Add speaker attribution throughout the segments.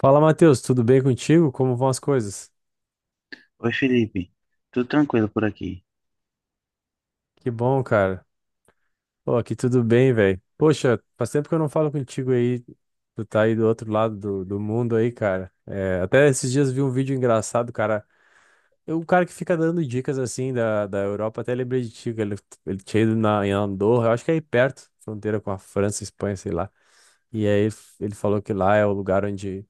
Speaker 1: Fala, Matheus, tudo bem contigo? Como vão as coisas?
Speaker 2: Oi, Felipe. Tudo tranquilo por aqui?
Speaker 1: Que bom, cara. Pô, aqui tudo bem, velho. Poxa, faz tempo que eu não falo contigo aí. Tu tá aí do outro lado do mundo aí, cara. É, até esses dias vi um vídeo engraçado, cara. Eu, o cara que fica dando dicas assim da Europa, até lembrei de ti, que ele tinha ido em Andorra, eu acho que é aí perto, fronteira com a França, Espanha, sei lá. E aí ele falou que lá é o lugar onde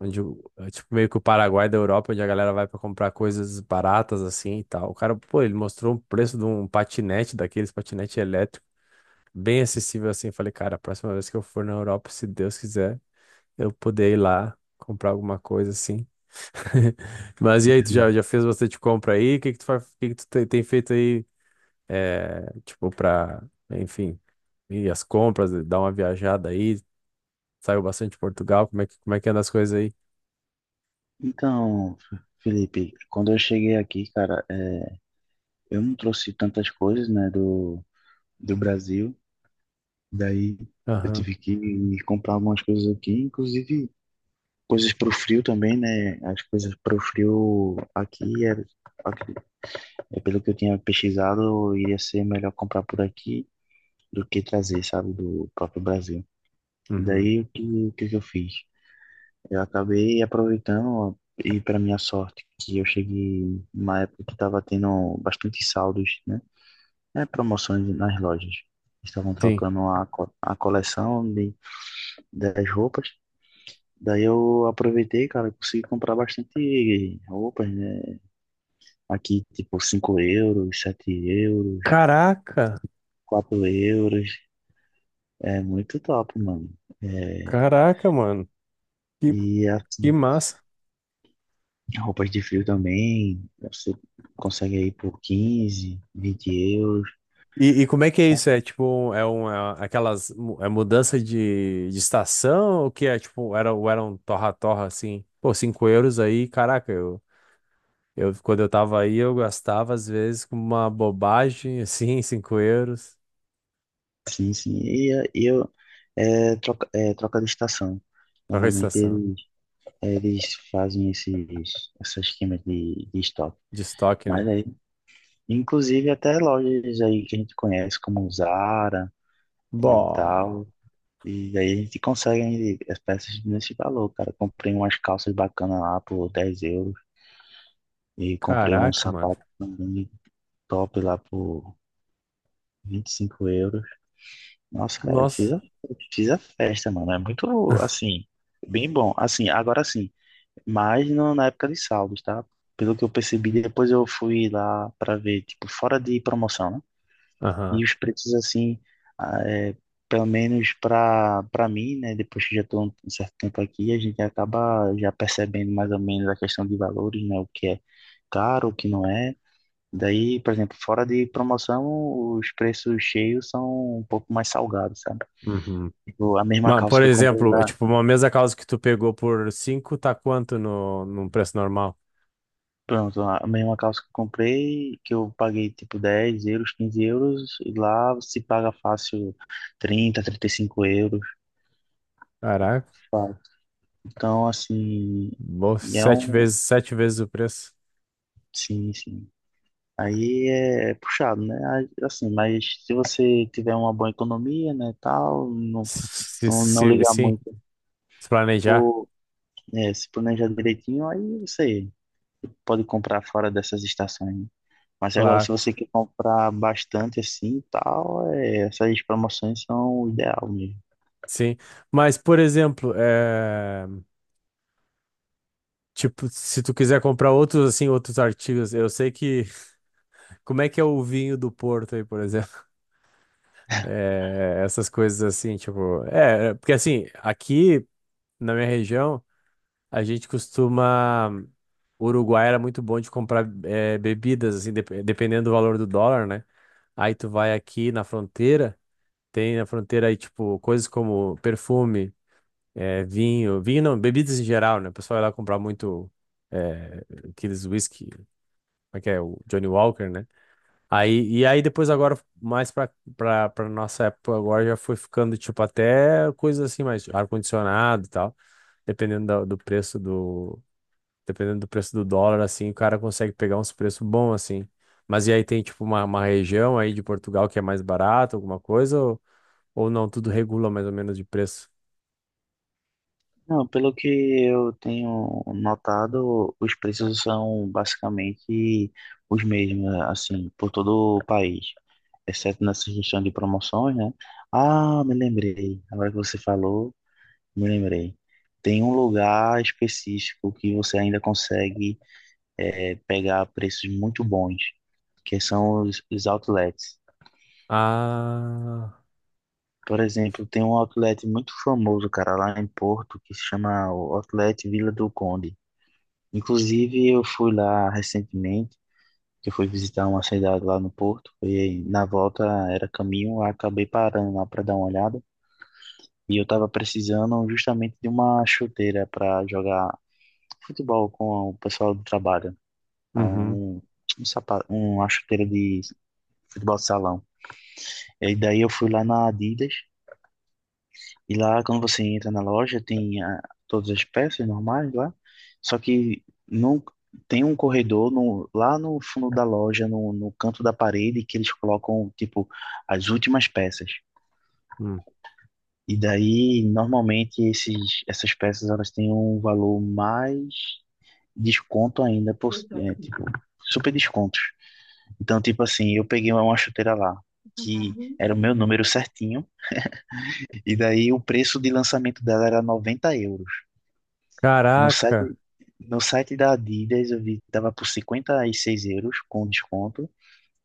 Speaker 1: Onde, o- é tipo, meio que o Paraguai da Europa, onde a galera vai pra comprar coisas baratas assim e tal. O cara, pô, ele mostrou o preço de um patinete, daqueles patinete elétrico, bem acessível assim. Eu falei, cara, a próxima vez que eu for na Europa, se Deus quiser, eu poder ir lá comprar alguma coisa assim. Mas e aí, tu já,
Speaker 2: Uhum.
Speaker 1: já fez bastante compra aí? O que que tu, fa- o que que tu te- tem feito aí, é, tipo, pra, enfim, ir as compras, dar uma viajada aí? Saiu bastante de Portugal, como é que anda as coisas aí?
Speaker 2: Então, Felipe, quando eu cheguei aqui, cara, eu não trouxe tantas coisas, né, do Brasil. Daí eu
Speaker 1: Aham.
Speaker 2: tive que comprar algumas coisas aqui, inclusive coisas pro frio também, né? As coisas pro frio aqui, aqui- é pelo que eu tinha pesquisado, iria ser melhor comprar por aqui do que trazer, sabe, do próprio Brasil.
Speaker 1: Uhum.
Speaker 2: Daí o que que eu fiz? Eu acabei aproveitando ó, e para minha sorte que eu cheguei numa época que estava tendo bastante saldos, né? É, promoções nas lojas. Estavam
Speaker 1: Sim.
Speaker 2: trocando a coleção das roupas. Daí eu aproveitei, cara, consegui comprar bastante roupas, né? Aqui, tipo, €5, €7,
Speaker 1: Caraca,
Speaker 2: €4. É muito top, mano. É,
Speaker 1: caraca, mano. Que,
Speaker 2: e
Speaker 1: que
Speaker 2: assim,
Speaker 1: massa.
Speaker 2: roupas de frio também, você consegue aí por 15, €20,
Speaker 1: E como é que é
Speaker 2: né?
Speaker 1: isso? É tipo, é uma, aquelas, é mudança de estação? O que é tipo, era, ou era um torra-torra assim? Pô, 5 € aí, caraca, eu, quando eu tava aí, eu gastava às vezes com uma bobagem assim, cinco euros.
Speaker 2: Sim, sim. É troca de estação.
Speaker 1: Troca de
Speaker 2: Normalmente
Speaker 1: estação,
Speaker 2: eles fazem esses esquemas de estoque.
Speaker 1: de estoque, né?
Speaker 2: Mas aí, inclusive até lojas aí que a gente conhece, como Zara e
Speaker 1: Bom,
Speaker 2: tal. E aí a gente consegue aí as peças nesse valor, cara. Comprei umas calças bacanas lá por €10. E comprei um
Speaker 1: caraca, mano.
Speaker 2: sapato também top lá por €25. Nossa, cara, eu fiz
Speaker 1: Nossa.
Speaker 2: a, eu fiz a festa, mano. É muito, assim, bem bom. Assim, agora sim, mas na época de saldos, tá? Pelo que eu percebi, depois eu fui lá pra ver, tipo, fora de promoção, né?
Speaker 1: Aham.
Speaker 2: E os preços, assim, ah, é, pelo menos pra mim, né? Depois que já tô um certo tempo aqui, a gente acaba já percebendo mais ou menos a questão de valores, né? O que é caro, o que não é. Daí, por exemplo, fora de promoção, os preços cheios são um pouco mais salgados, sabe?
Speaker 1: Uhum.
Speaker 2: Tipo, a mesma
Speaker 1: Mas,
Speaker 2: calça
Speaker 1: por
Speaker 2: que eu comprei
Speaker 1: exemplo, é
Speaker 2: lá,
Speaker 1: tipo, uma mesa causa que tu pegou por 5 tá quanto no, num preço normal?
Speaker 2: pronto, a mesma calça que eu comprei, que eu paguei tipo €10, €15, e lá se paga fácil 30, €35,
Speaker 1: Caraca,
Speaker 2: fácil. Então, assim, e é
Speaker 1: sete
Speaker 2: um.
Speaker 1: vezes, sete vezes o preço.
Speaker 2: Sim, sim. Aí é puxado, né? Aí, assim, mas se você tiver uma boa economia, né, tal,
Speaker 1: Se,
Speaker 2: não ligar
Speaker 1: sim,
Speaker 2: muito.
Speaker 1: se planejar,
Speaker 2: Se planejar direitinho, aí você pode comprar fora dessas estações, né? Mas agora, se
Speaker 1: claro,
Speaker 2: você quer comprar bastante assim e tal, essas promoções são o ideal mesmo.
Speaker 1: sim. Mas, por exemplo, é, tipo, se tu quiser comprar outros, assim, outros artigos, eu sei que... Como é que é o vinho do Porto aí, por exemplo? É, essas coisas assim, tipo... É, porque assim, aqui na minha região, a gente costuma... O Uruguai era muito bom de comprar bebidas, assim, dependendo do valor do dólar, né? Aí tu vai aqui na fronteira, tem na fronteira aí, tipo, coisas como perfume, vinho, vinho não, bebidas em geral, né? O pessoal ia lá comprar muito eh, aqueles whisky, como é que é? O Johnny Walker, né? Aí, e aí depois agora, mais pra nossa época agora, já foi ficando, tipo, até coisas assim, mais ar-condicionado e tal, dependendo da- do preço dependendo do preço do dólar, assim, o cara consegue pegar uns preços bons, assim. Mas e aí tem, tipo, uma região aí de Portugal que é mais barato, alguma coisa, ou não, tudo regula mais ou menos de preço?
Speaker 2: Não, pelo que eu tenho notado, os preços são basicamente os mesmos, assim, por todo o país, exceto nessa questão de promoções, né? Ah, me lembrei, agora que você falou, me lembrei. Tem um lugar específico que você ainda consegue pegar preços muito bons, que são os outlets.
Speaker 1: Ah,
Speaker 2: Por exemplo, tem um outlet muito famoso, cara, lá em Porto, que se chama o Outlet Vila do Conde. Inclusive, eu fui lá recentemente, que eu fui visitar uma cidade lá no Porto, e na volta era caminho, eu acabei parando lá para dar uma olhada. E eu tava precisando justamente de uma chuteira para jogar futebol com o pessoal do trabalho. É
Speaker 1: uhum,
Speaker 2: um sapato, uma chuteira de futebol de salão. E daí eu fui lá na Adidas, e lá quando você entra na loja tem todas as peças normais lá, só que não tem um corredor lá no fundo da loja, no canto da parede, que eles colocam tipo as últimas peças.
Speaker 1: hum.
Speaker 2: E daí normalmente essas peças elas têm um valor mais desconto ainda, tipo, super descontos. Então, tipo assim, eu peguei uma chuteira lá, que era o meu número certinho. E daí o preço de lançamento dela era €90. No
Speaker 1: Caraca,
Speaker 2: site, no site da Adidas eu vi que tava por €56 com desconto.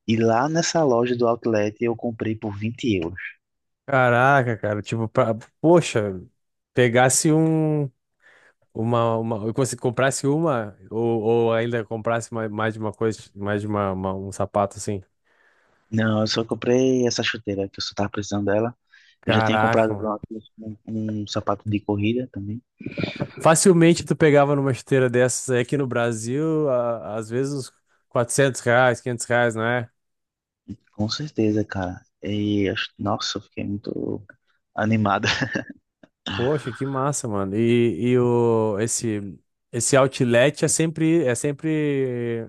Speaker 2: E lá nessa loja do Outlet eu comprei por €20.
Speaker 1: caraca, cara, tipo, pra, poxa, pegasse um, uma, se comprasse uma, ou ainda comprasse mais de uma coisa, mais de uma um sapato, assim.
Speaker 2: Não, eu só comprei essa chuteira que eu só tava precisando dela. Eu já tinha comprado
Speaker 1: Caraca.
Speaker 2: lá um sapato de corrida também.
Speaker 1: Facilmente tu pegava numa esteira dessas aí aqui no Brasil, às vezes uns R$ 400, R$ 500, não é?
Speaker 2: Com certeza, cara. E, nossa, eu fiquei muito animado.
Speaker 1: Poxa, que massa, mano. E o, esse outlet é sempre,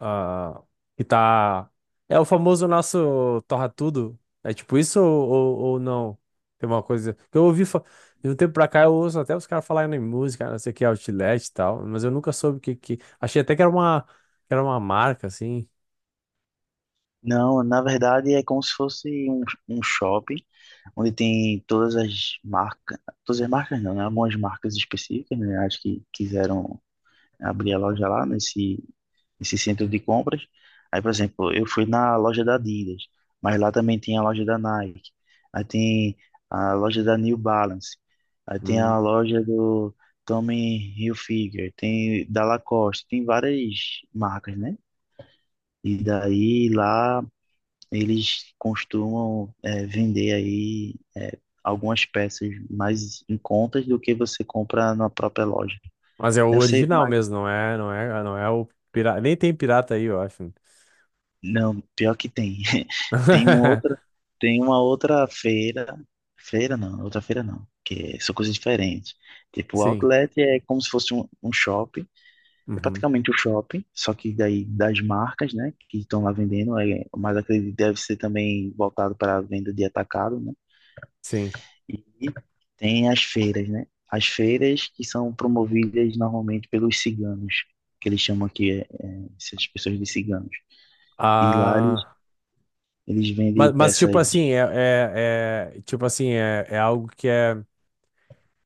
Speaker 1: ah, que tá, é o famoso nosso torra tudo. É tipo isso ou não? Tem uma coisa que eu ouvi, de um tempo pra cá eu ouço até os caras falarem em música, não sei o que, outlet e tal, mas eu nunca soube o que, achei até que era uma marca, assim.
Speaker 2: Não, na verdade é como se fosse um shopping onde tem todas as marcas não, né? Algumas marcas específicas, né? Acho que quiseram abrir a loja lá nesse centro de compras. Aí, por exemplo, eu fui na loja da Adidas, mas lá também tem a loja da Nike. Aí tem a loja da New Balance. Aí tem a
Speaker 1: Hum.
Speaker 2: loja do Tommy Hilfiger, tem da Lacoste, tem várias marcas, né? E daí lá eles costumam vender aí algumas peças mais em contas do que você compra na própria loja.
Speaker 1: Mas é o
Speaker 2: Eu sei,
Speaker 1: original
Speaker 2: mas
Speaker 1: mesmo, não é o pirata. Nem tem pirata aí, eu acho.
Speaker 2: não, pior que tem. Tem uma outra, tem uma outra feira, feira não, outra feira não, que é, são coisas diferentes. Tipo, o
Speaker 1: Sim.
Speaker 2: outlet é como se fosse um shopping, é
Speaker 1: Uhum.
Speaker 2: praticamente um shopping, só que daí das marcas, né, que estão lá vendendo, mas acredito que deve ser também voltado para a venda de atacado, né?
Speaker 1: Sim.
Speaker 2: E tem as feiras, né? As feiras que são promovidas normalmente pelos ciganos, que eles chamam aqui essas pessoas de ciganos. E lá eles,
Speaker 1: Ah,
Speaker 2: eles vendem
Speaker 1: mas tipo
Speaker 2: peças.
Speaker 1: assim, tipo assim, é, é algo que é,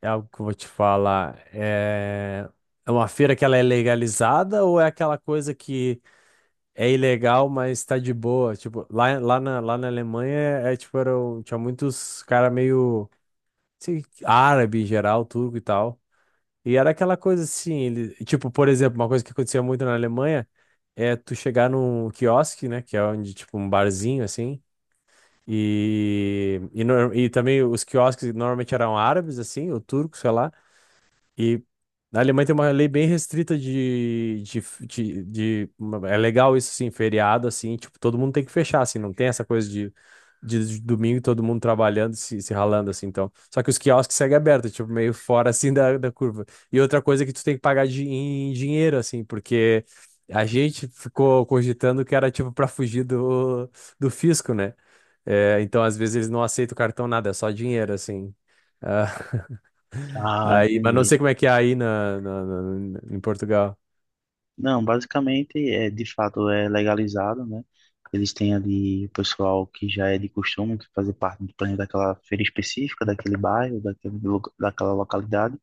Speaker 1: é algo que eu vou te falar. É uma feira que ela é legalizada ou é aquela coisa que é ilegal, mas tá de boa? Tipo, lá na Alemanha tipo, tinha muitos cara meio, sei, árabe em geral, turco e tal. E era aquela coisa assim, ele, tipo, por exemplo, uma coisa que acontecia muito na Alemanha é tu chegar num quiosque, né, que é onde, tipo, um barzinho, assim, e, nor- e também os quiosques normalmente eram árabes, assim, ou turcos, sei lá, e na Alemanha tem uma lei bem restrita de, de- É legal isso, sim, feriado, assim, tipo, todo mundo tem que fechar, assim, não tem essa coisa de domingo todo mundo trabalhando, se ralando, assim, então. Só que os quiosques seguem abertos, tipo, meio fora, assim, da curva. E outra coisa é que tu tem que pagar em dinheiro, assim, porque a gente ficou cogitando que era, tipo, pra fugir do fisco, né? É, então, às vezes, eles não aceitam cartão, nada, é só dinheiro, assim. Ah.
Speaker 2: Ah,
Speaker 1: Aí, mas não sei
Speaker 2: entendi.
Speaker 1: como é que é aí em Portugal.
Speaker 2: Não, basicamente é de fato é legalizado, né? Eles têm ali o pessoal que já é de costume, que fazer parte do plano daquela feira específica, daquele bairro, daquela localidade,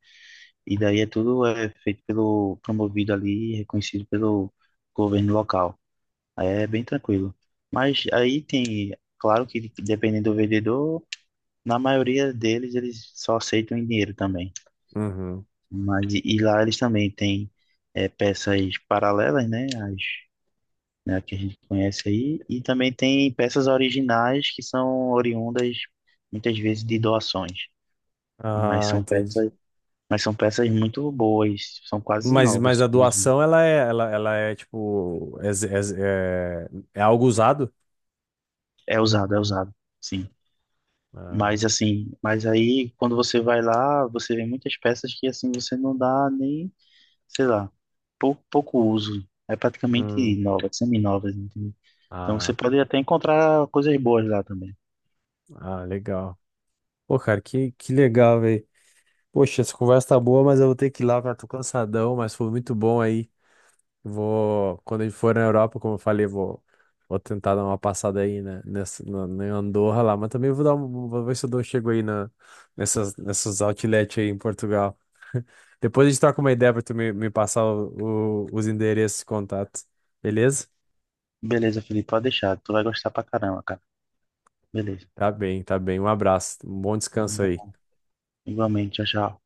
Speaker 2: e daí é tudo é feito pelo, promovido ali, reconhecido pelo governo local. Aí é bem tranquilo. Mas aí tem, claro que dependendo do vendedor, na maioria deles eles só aceitam em dinheiro também.
Speaker 1: Uhum.
Speaker 2: Mas e lá eles também têm peças paralelas, né? As, né, que a gente conhece aí, e também tem peças originais que são oriundas muitas vezes de doações. Mas
Speaker 1: Ah,
Speaker 2: são
Speaker 1: entendi.
Speaker 2: peças, mas são peças muito boas, são quase
Speaker 1: Mas,
Speaker 2: novas,
Speaker 1: mas a
Speaker 2: simplesmente.
Speaker 1: doação, ela é tipo, é, é é algo usado?
Speaker 2: É usado, sim. Mas
Speaker 1: Ah,
Speaker 2: assim, mas aí quando você vai lá, você vê muitas peças que assim você não dá nem, sei lá, pouco uso. É praticamente
Speaker 1: hum.
Speaker 2: nova, semi-nova, entendeu? Então você
Speaker 1: Ah,
Speaker 2: pode até encontrar coisas boas lá também.
Speaker 1: ah, legal. Pô, cara, que legal, velho. Poxa, essa conversa tá boa, mas eu vou ter que ir lá, cara. Tô cansadão, mas foi muito bom aí. Vou, quando a gente for na Europa, como eu falei, vou tentar dar uma passada aí, né, na Andorra lá, mas também vou ver se eu chego aí nessas outlet aí em Portugal. Depois a gente troca uma ideia pra tu me passar os endereços e contatos. Beleza?
Speaker 2: Beleza, Felipe, pode deixar. Tu vai gostar pra caramba, cara. Beleza.
Speaker 1: Tá bem, tá bem. Um abraço. Um bom descanso aí.
Speaker 2: Igualmente, tchau, tchau.